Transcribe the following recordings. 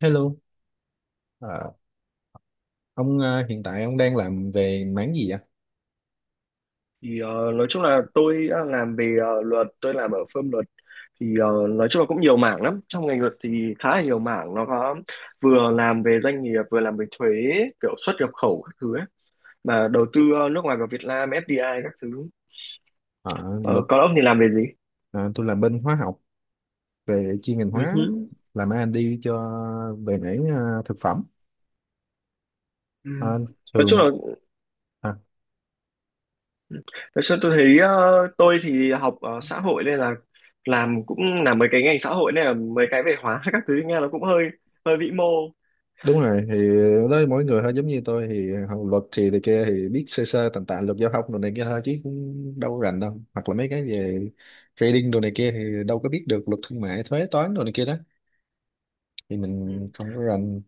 Hello, ờ, ông hiện tại ông đang làm về mảng gì vậy? Nói chung là tôi làm về luật. Tôi làm ở firm luật thì nói chung là cũng nhiều mảng lắm, trong ngành luật thì khá là nhiều mảng. Nó có vừa làm về doanh nghiệp, vừa làm về thuế, kiểu xuất nhập khẩu các thứ ấy. Mà đầu tư nước ngoài vào Việt Nam, FDI các thứ. Ờ, Luật. Ờ, còn ông thì làm về gì? Ờ, tôi làm bên hóa học, về chuyên ngành Ừ hóa, hứ. làm R&D cho, về mảng thực phẩm. Ừ. Ờ, nói thường chung là một, à, nói chung tôi thấy tôi thì học xã hội, nên là làm cũng làm mấy cái ngành xã hội nên là mấy cái về hóa các thứ nghe nó cũng hơi hơi vĩ mô. Đúng rồi, thì đó mỗi người thôi, giống như tôi thì học luật thì kia thì biết sơ sơ tàn tạ luật giao thông đồ này kia thôi chứ cũng đâu rành đâu. Hoặc là mấy cái về trading đồ này kia thì đâu có biết được luật thương mại, thuế toán đồ này kia đó. Thì mình Ừ. không có rành.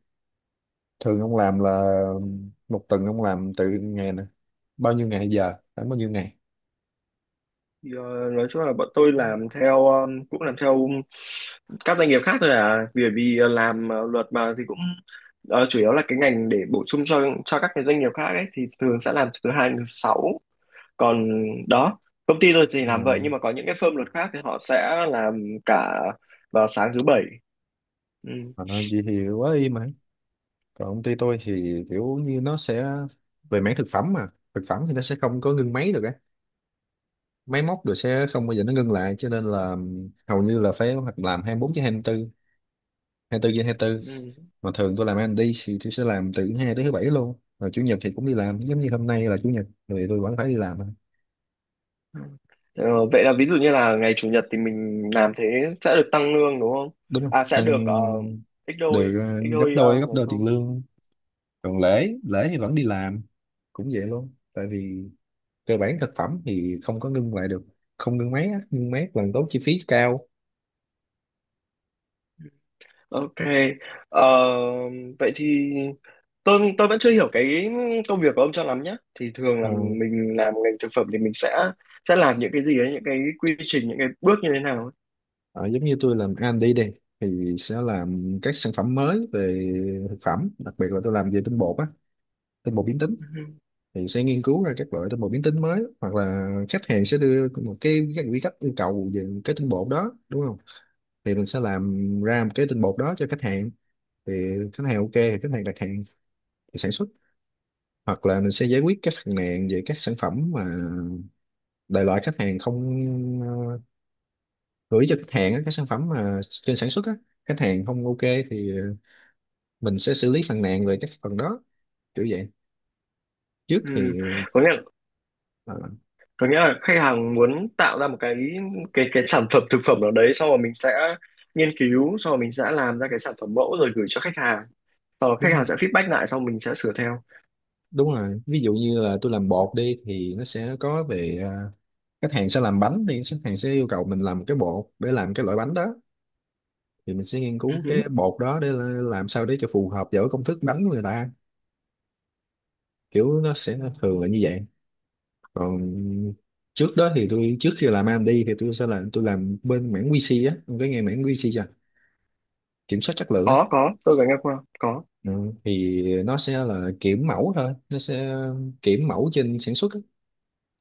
Thường ông làm là một tuần ông làm từ ngày nè, bao nhiêu ngày giờ đến bao nhiêu ngày? Thì, nói chung là bọn tôi làm theo cũng làm theo các doanh nghiệp khác thôi à, vì vì ờ, làm luật mà thì cũng chủ yếu là cái ngành để bổ sung cho các cái doanh nghiệp khác ấy, thì thường sẽ làm từ thứ hai đến thứ sáu. Còn đó, công ty tôi thì làm vậy, mà nhưng mà có những cái firm luật khác thì họ sẽ làm cả vào sáng thứ bảy. Ừ. mà nói vậy thì quá y. Mà còn công ty tôi thì kiểu như nó sẽ về mảng thực phẩm, mà thực phẩm thì nó sẽ không có ngưng máy được á, máy móc được sẽ không bao giờ nó ngưng lại, cho nên là hầu như là phải hoặc làm 24 trên 24, 24 trên 24. Ừ. Mà thường tôi làm ăn đi thì tôi sẽ làm từ thứ hai tới thứ bảy luôn, và chủ nhật thì cũng đi làm, giống như hôm nay là chủ nhật thì tôi vẫn phải đi làm. Ừ. Ờ, vậy là ví dụ như là ngày chủ nhật thì mình làm thế sẽ được tăng lương đúng không? Đúng không À sẽ được ăn, ít đôi, được ít gấp đôi đôi, gấp ngày đôi tiền công. lương. Còn lễ lễ thì vẫn đi làm, cũng vậy luôn, tại vì cơ bản thực phẩm thì không có ngưng lại được, không ngưng máy á, ngưng máy càng tốn chi phí cao. Ok, ờ, vậy thì tôi vẫn chưa hiểu cái công việc của ông cho lắm nhé. Thì thường là ờ, mình làm ngành thực phẩm thì mình sẽ làm những cái gì ấy, những cái quy trình, những cái bước như thế nào ấy. ờ, Giống như tôi làm R&D đi đi thì sẽ làm các sản phẩm mới về thực phẩm, đặc biệt là tôi làm về tinh bột á, tinh bột biến tính, Ừ. thì sẽ nghiên cứu ra các loại tinh bột biến tính mới. Hoặc là khách hàng sẽ đưa một cái, các quy cách yêu cầu về cái tinh bột đó đúng không, thì mình sẽ làm ra một cái tinh bột đó cho khách hàng. Thì khách hàng ok thì khách hàng đặt hàng, thì sản xuất. Hoặc là mình sẽ giải quyết các phàn nàn về các sản phẩm mà đại loại khách hàng không, ờ, gửi cho khách hàng á, các sản phẩm mà trên sản xuất á khách hàng không ok thì mình sẽ xử lý phàn nàn về các phần đó, kiểu vậy. Trước Ừ. thì Có nghĩa ờ, có nghĩa là khách hàng muốn tạo ra một cái cái sản phẩm thực phẩm nào đấy, sau rồi mình sẽ nghiên cứu, sau rồi mình sẽ làm ra cái sản phẩm mẫu rồi gửi cho khách hàng. Sau đó khách hàng đúng, sẽ feedback lại, xong mình sẽ sửa theo. đúng rồi. Ví dụ như là tôi làm bột đi thì nó sẽ có về khách hàng sẽ làm bánh, thì khách hàng sẽ yêu cầu mình làm cái bột để làm cái loại bánh đó, thì mình sẽ nghiên cứu Ừ. cái bột đó để làm sao để cho phù hợp với công thức bánh của người ta, kiểu nó sẽ thường là như vậy. Còn trước đó thì tôi, trước khi làm AMD thì tôi sẽ làm, tôi làm bên mảng QC á, ông có nghe mảng QC chưa, kiểm soát chất lượng á? Có, tôi có nghe qua, có. Ừ. Thì nó sẽ là kiểm mẫu thôi, nó sẽ kiểm mẫu trên sản xuất á,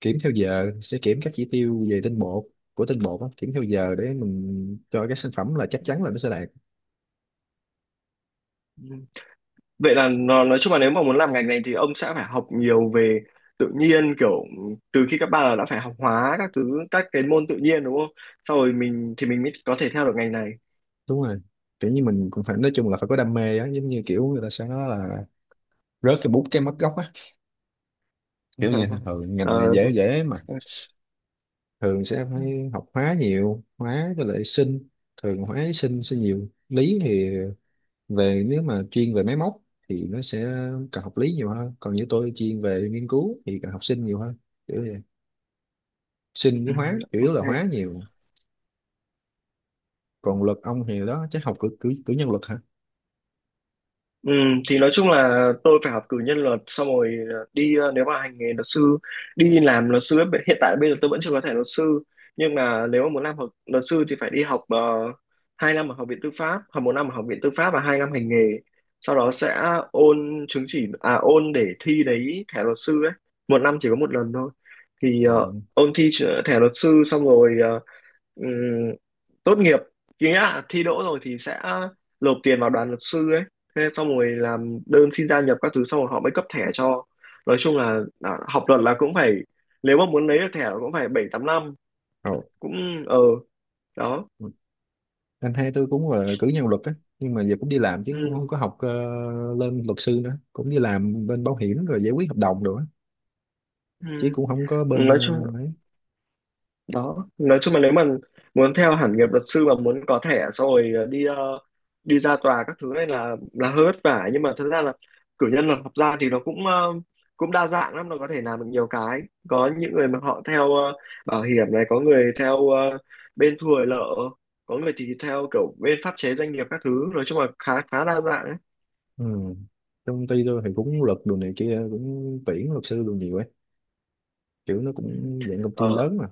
kiểm theo giờ, sẽ kiểm các chỉ tiêu về tinh bột, của tinh bột á, kiểm theo giờ để mình cho cái sản phẩm là chắc chắn là nó sẽ đạt. Ừ. Vậy là nó, nói chung là nếu mà muốn làm ngành này thì ông sẽ phải học nhiều về tự nhiên, kiểu từ khi cấp ba là đã phải học hóa các thứ, các cái môn tự nhiên đúng không? Sau rồi mình thì mình mới có thể theo được ngành này. Đúng rồi, kiểu như mình cũng phải, nói chung là phải có đam mê á, giống như kiểu người ta sẽ nói là rớt cái bút cái mất gốc á, kiểu như thường ngành này Ờ, dễ dễ mà, thường sẽ phải học hóa nhiều, hóa với lại sinh, thường hóa với sinh sẽ nhiều. Lý thì về, nếu mà chuyên về máy móc thì nó sẽ cần học lý nhiều hơn, còn như tôi chuyên về nghiên cứu thì cần học sinh nhiều hơn, kiểu vậy. Sinh ừ, với hóa, chủ yếu ok. là hóa nhiều. Còn luật ông thì đó chắc học cử, cử nhân luật hả? Ừ, thì nói chung là tôi phải học cử nhân luật xong rồi nếu mà hành nghề luật sư, đi làm luật sư ấy, hiện tại bây giờ tôi vẫn chưa có thẻ luật sư, nhưng mà nếu mà muốn làm học luật sư thì phải đi học, 2 năm ở học viện tư pháp, học một năm ở học viện tư pháp và hai năm hành nghề, sau đó sẽ ôn chứng chỉ, à ôn để thi đấy thẻ luật sư ấy, một năm chỉ có một lần thôi. Thì à, ôn thi thẻ luật sư xong rồi ừm, tốt nghiệp, nghĩa là thi đỗ rồi thì sẽ nộp tiền vào đoàn luật sư ấy, thế xong rồi làm đơn xin gia nhập các thứ xong rồi họ mới cấp thẻ cho. Nói chung là à, học luật là cũng phải, nếu mà muốn lấy được thẻ là cũng phải bảy tám năm. Rồi. Cũng ờ Đó. Anh hai tôi cũng là cử nhân luật á, nhưng mà giờ cũng đi làm, chứ cũng Ừ. không có học lên luật sư nữa, cũng đi làm bên bảo hiểm rồi giải quyết hợp đồng rồi á, chứ Ừ. cũng không có bên nói chung ấy. Đó, nói chung là nếu mà muốn theo hẳn nghiệp luật sư mà muốn có thẻ xong rồi đi ra tòa các thứ này là hơi vất vả, nhưng mà thật ra là cử nhân luật học gia thì nó cũng cũng đa dạng lắm, nó có thể làm được nhiều cái. Có những người mà họ theo bảo hiểm này, có người theo bên thu hồi nợ, có người thì theo kiểu bên pháp chế doanh nghiệp các thứ, nói chung là khá khá đa dạng ấy. Ừ. Trong công ty tôi thì cũng luật đồ này kia cũng tuyển luật sư đồ nhiều ấy, kiểu nó cũng dạng công ty Ờ, lớn mà,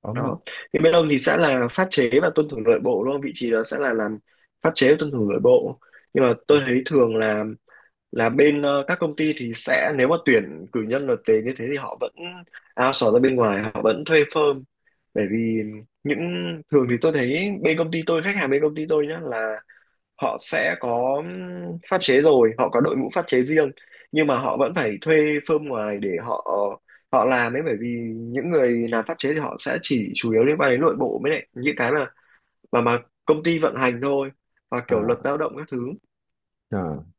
ở mà. đó thì bên ông thì sẽ là pháp chế và tuân thủ nội bộ đúng không, vị trí đó sẽ là làm pháp chế và tuân thủ nội bộ. Nhưng mà tôi thấy thường là bên các công ty thì sẽ nếu mà tuyển cử nhân luật tế như thế thì họ vẫn outsource ra bên ngoài, họ vẫn thuê firm, bởi vì những thường thì tôi thấy bên công ty tôi, khách hàng bên công ty tôi nhá, là họ sẽ có pháp chế, rồi họ có đội ngũ pháp chế riêng, nhưng mà họ vẫn phải thuê firm ngoài để họ họ làm ấy, bởi vì những người làm pháp chế thì họ sẽ chỉ chủ yếu liên quan đến nội bộ mới lại những cái mà mà công ty vận hành thôi, và kiểu luật à, lao động các thứ. à.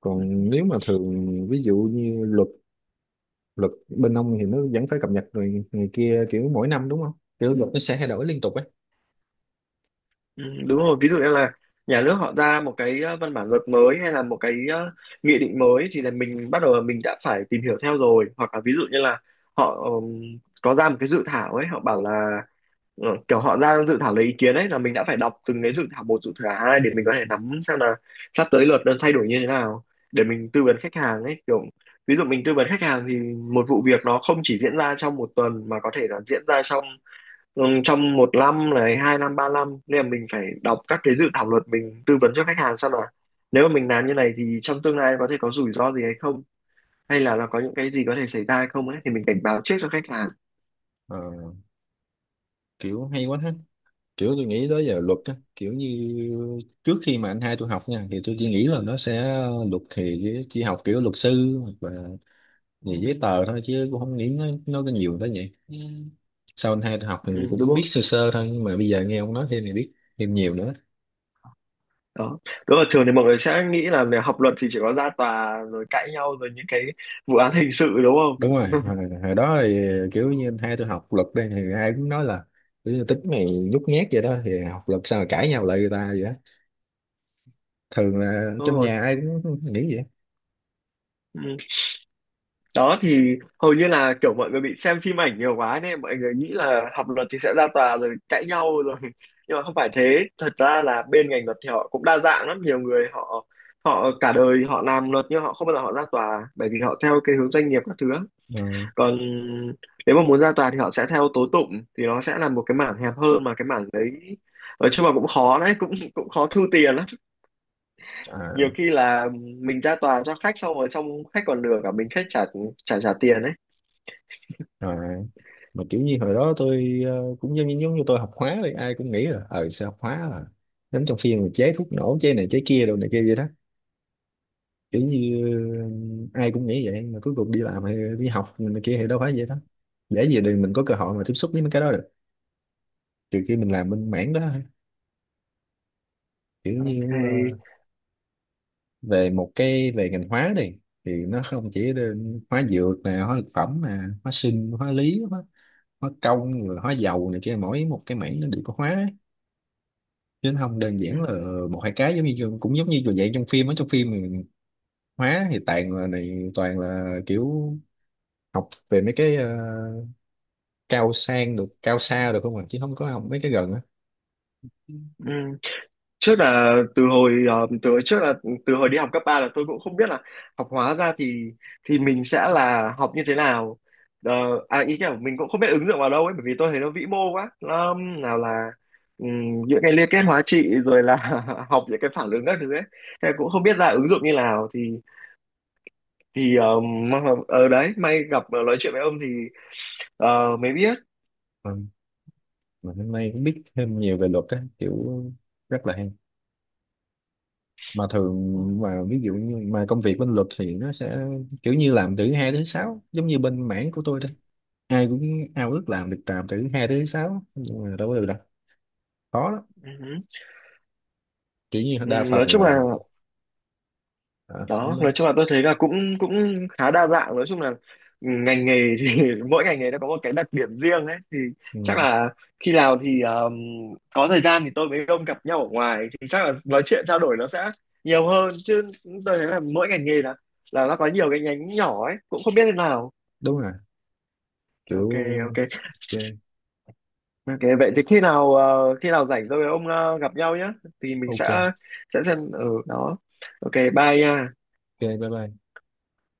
Còn nếu mà thường ví dụ như luật luật bên ông thì nó vẫn phải cập nhật rồi người kia kiểu mỗi năm đúng không, kiểu luật nó sẽ thay đổi liên tục ấy. Ừ, đúng rồi, ví dụ như là nhà nước họ ra một cái văn bản luật mới, hay là một cái nghị định mới, thì là mình bắt đầu là mình đã phải tìm hiểu theo rồi. Hoặc là ví dụ như là họ có ra một cái dự thảo ấy, họ bảo là Ờ, kiểu họ ra dự thảo lấy ý kiến ấy, là mình đã phải đọc từng cái dự thảo một, dự thảo hai, để mình có thể nắm xem là sắp tới luật nó thay đổi như thế nào, để mình tư vấn khách hàng ấy. Kiểu ví dụ mình tư vấn khách hàng thì một vụ việc nó không chỉ diễn ra trong một tuần mà có thể là diễn ra trong trong một năm này, hai năm, ba năm, nên là mình phải đọc các cái dự thảo luật, mình tư vấn cho khách hàng xem là nếu mà mình làm như này thì trong tương lai có thể có rủi ro gì hay không, hay là nó có những cái gì có thể xảy ra hay không ấy, thì mình cảnh báo trước cho khách hàng. Ờ, Kiểu hay quá ha, kiểu tôi nghĩ tới giờ luật á, kiểu như trước khi mà anh hai tôi học nha thì tôi chỉ nghĩ là nó sẽ, luật thì chỉ học kiểu luật sư hoặc là về giấy tờ thôi, chứ cũng không nghĩ nó có nhiều tới vậy. Sau anh hai tôi học Ừ, thì đúng cũng biết không. sơ sơ thôi, nhưng mà bây giờ nghe ông nói thêm thì biết thêm nhiều nữa. Đó, đúng là thường thì mọi người sẽ nghĩ là về học luật thì chỉ có ra tòa rồi cãi nhau rồi những cái vụ án hình sự đúng Đúng rồi, không? hồi đó thì kiểu như anh hai tôi học luật đây thì ai cũng nói là kiểu như tính mày nhút nhát vậy đó, thì học luật sao mà cãi nhau lại người ta vậy á, thường là Đúng trong rồi. nhà ai cũng nghĩ vậy. Ừ. Đó thì hầu như là kiểu mọi người bị xem phim ảnh nhiều quá nên mọi người nghĩ là học luật thì sẽ ra tòa rồi cãi nhau rồi, nhưng mà không phải thế. Thật ra là bên ngành luật thì họ cũng đa dạng lắm, nhiều người họ họ cả đời họ làm luật nhưng họ không bao giờ họ ra tòa, bởi vì họ theo cái hướng doanh nghiệp các thứ. Ừ. Còn nếu mà muốn ra tòa thì họ sẽ theo tố tụng, thì nó sẽ là một cái mảng hẹp hơn, mà cái mảng đấy nói chung là cũng khó đấy, cũng cũng khó thu tiền lắm. à, Nhiều khi là mình ra tòa cho khách xong rồi xong khách còn lừa cả mình, khách trả trả trả tiền đấy. à, mà kiểu như hồi đó tôi cũng giống như, giống như tôi học hóa đi ai cũng nghĩ là sao học hóa là đến trong phim mà chế thuốc nổ chế này chế kia đồ này kia vậy đó, kiểu như ai cũng nghĩ vậy, mà cuối cùng đi làm hay đi học này kia thì đâu phải vậy đó, để gì để mình có cơ hội mà tiếp xúc với mấy cái đó được, trừ khi mình làm bên mảng đó thôi. Kiểu Ok. như về một cái về ngành hóa đi thì nó không chỉ là hóa dược nè, hóa thực phẩm nè, hóa sinh, hóa lý, hóa, hóa công rồi hóa dầu này kia, mỗi một cái mảng nó đều có hóa ấy. Chứ nó không đơn giản là một hai cái, giống như cũng giống như vậy trong phim, ở trong phim thì hóa thì toàn là này, toàn là kiểu học về mấy cái cao sang được, cao xa được không ạ, chứ không có học mấy cái gần á. Ừ. Ừ. Trước là từ hồi từ hồi trước là từ hồi đi học cấp 3 là tôi cũng không biết là học hóa ra thì mình sẽ là học như thế nào. Ờ, à ý kiểu mình cũng không biết ứng dụng vào đâu ấy, bởi vì tôi thấy nó vĩ mô quá, nó nào là những cái liên kết hóa trị rồi là học những cái phản ứng các thứ ấy, thế cũng không biết ra ứng dụng như nào. Thì thì ờm, mà- ở đấy may gặp nói chuyện với ông thì mới biết. Ừ. Mà hôm nay cũng biết thêm nhiều về luật á, kiểu rất là hay. Mà thường Mà ví dụ như mà công việc bên luật thì nó sẽ kiểu như làm từ thứ hai tới thứ sáu, giống như bên mảng của tôi đây, ai cũng ao ước làm được làm từ thứ hai tới thứ sáu nhưng mà đâu có được đâu, khó lắm. Ừ, ừ. Kiểu như Ừ, đa nói phần là, chung là à, đó, nói không, chung là tôi thấy là cũng cũng khá đa dạng, nói chung là ngành nghề thì mỗi ngành nghề nó có một cái đặc điểm riêng ấy. Thì chắc ừ, là khi nào thì có thời gian thì tôi với ông gặp nhau ở ngoài thì chắc là nói chuyện trao đổi nó sẽ nhiều hơn chứ. Tôi thấy là mỗi ngành nghề là nó có nhiều cái nhánh nhỏ ấy, cũng không biết thế nào. đúng rồi, Ok, kiểu ok. ok, Ok, vậy thì khi nào khi nào rảnh tôi với ông gặp nhau nhé, thì mình ok, ok, sẽ xem ở đó. Ok, bye nha. bye bye.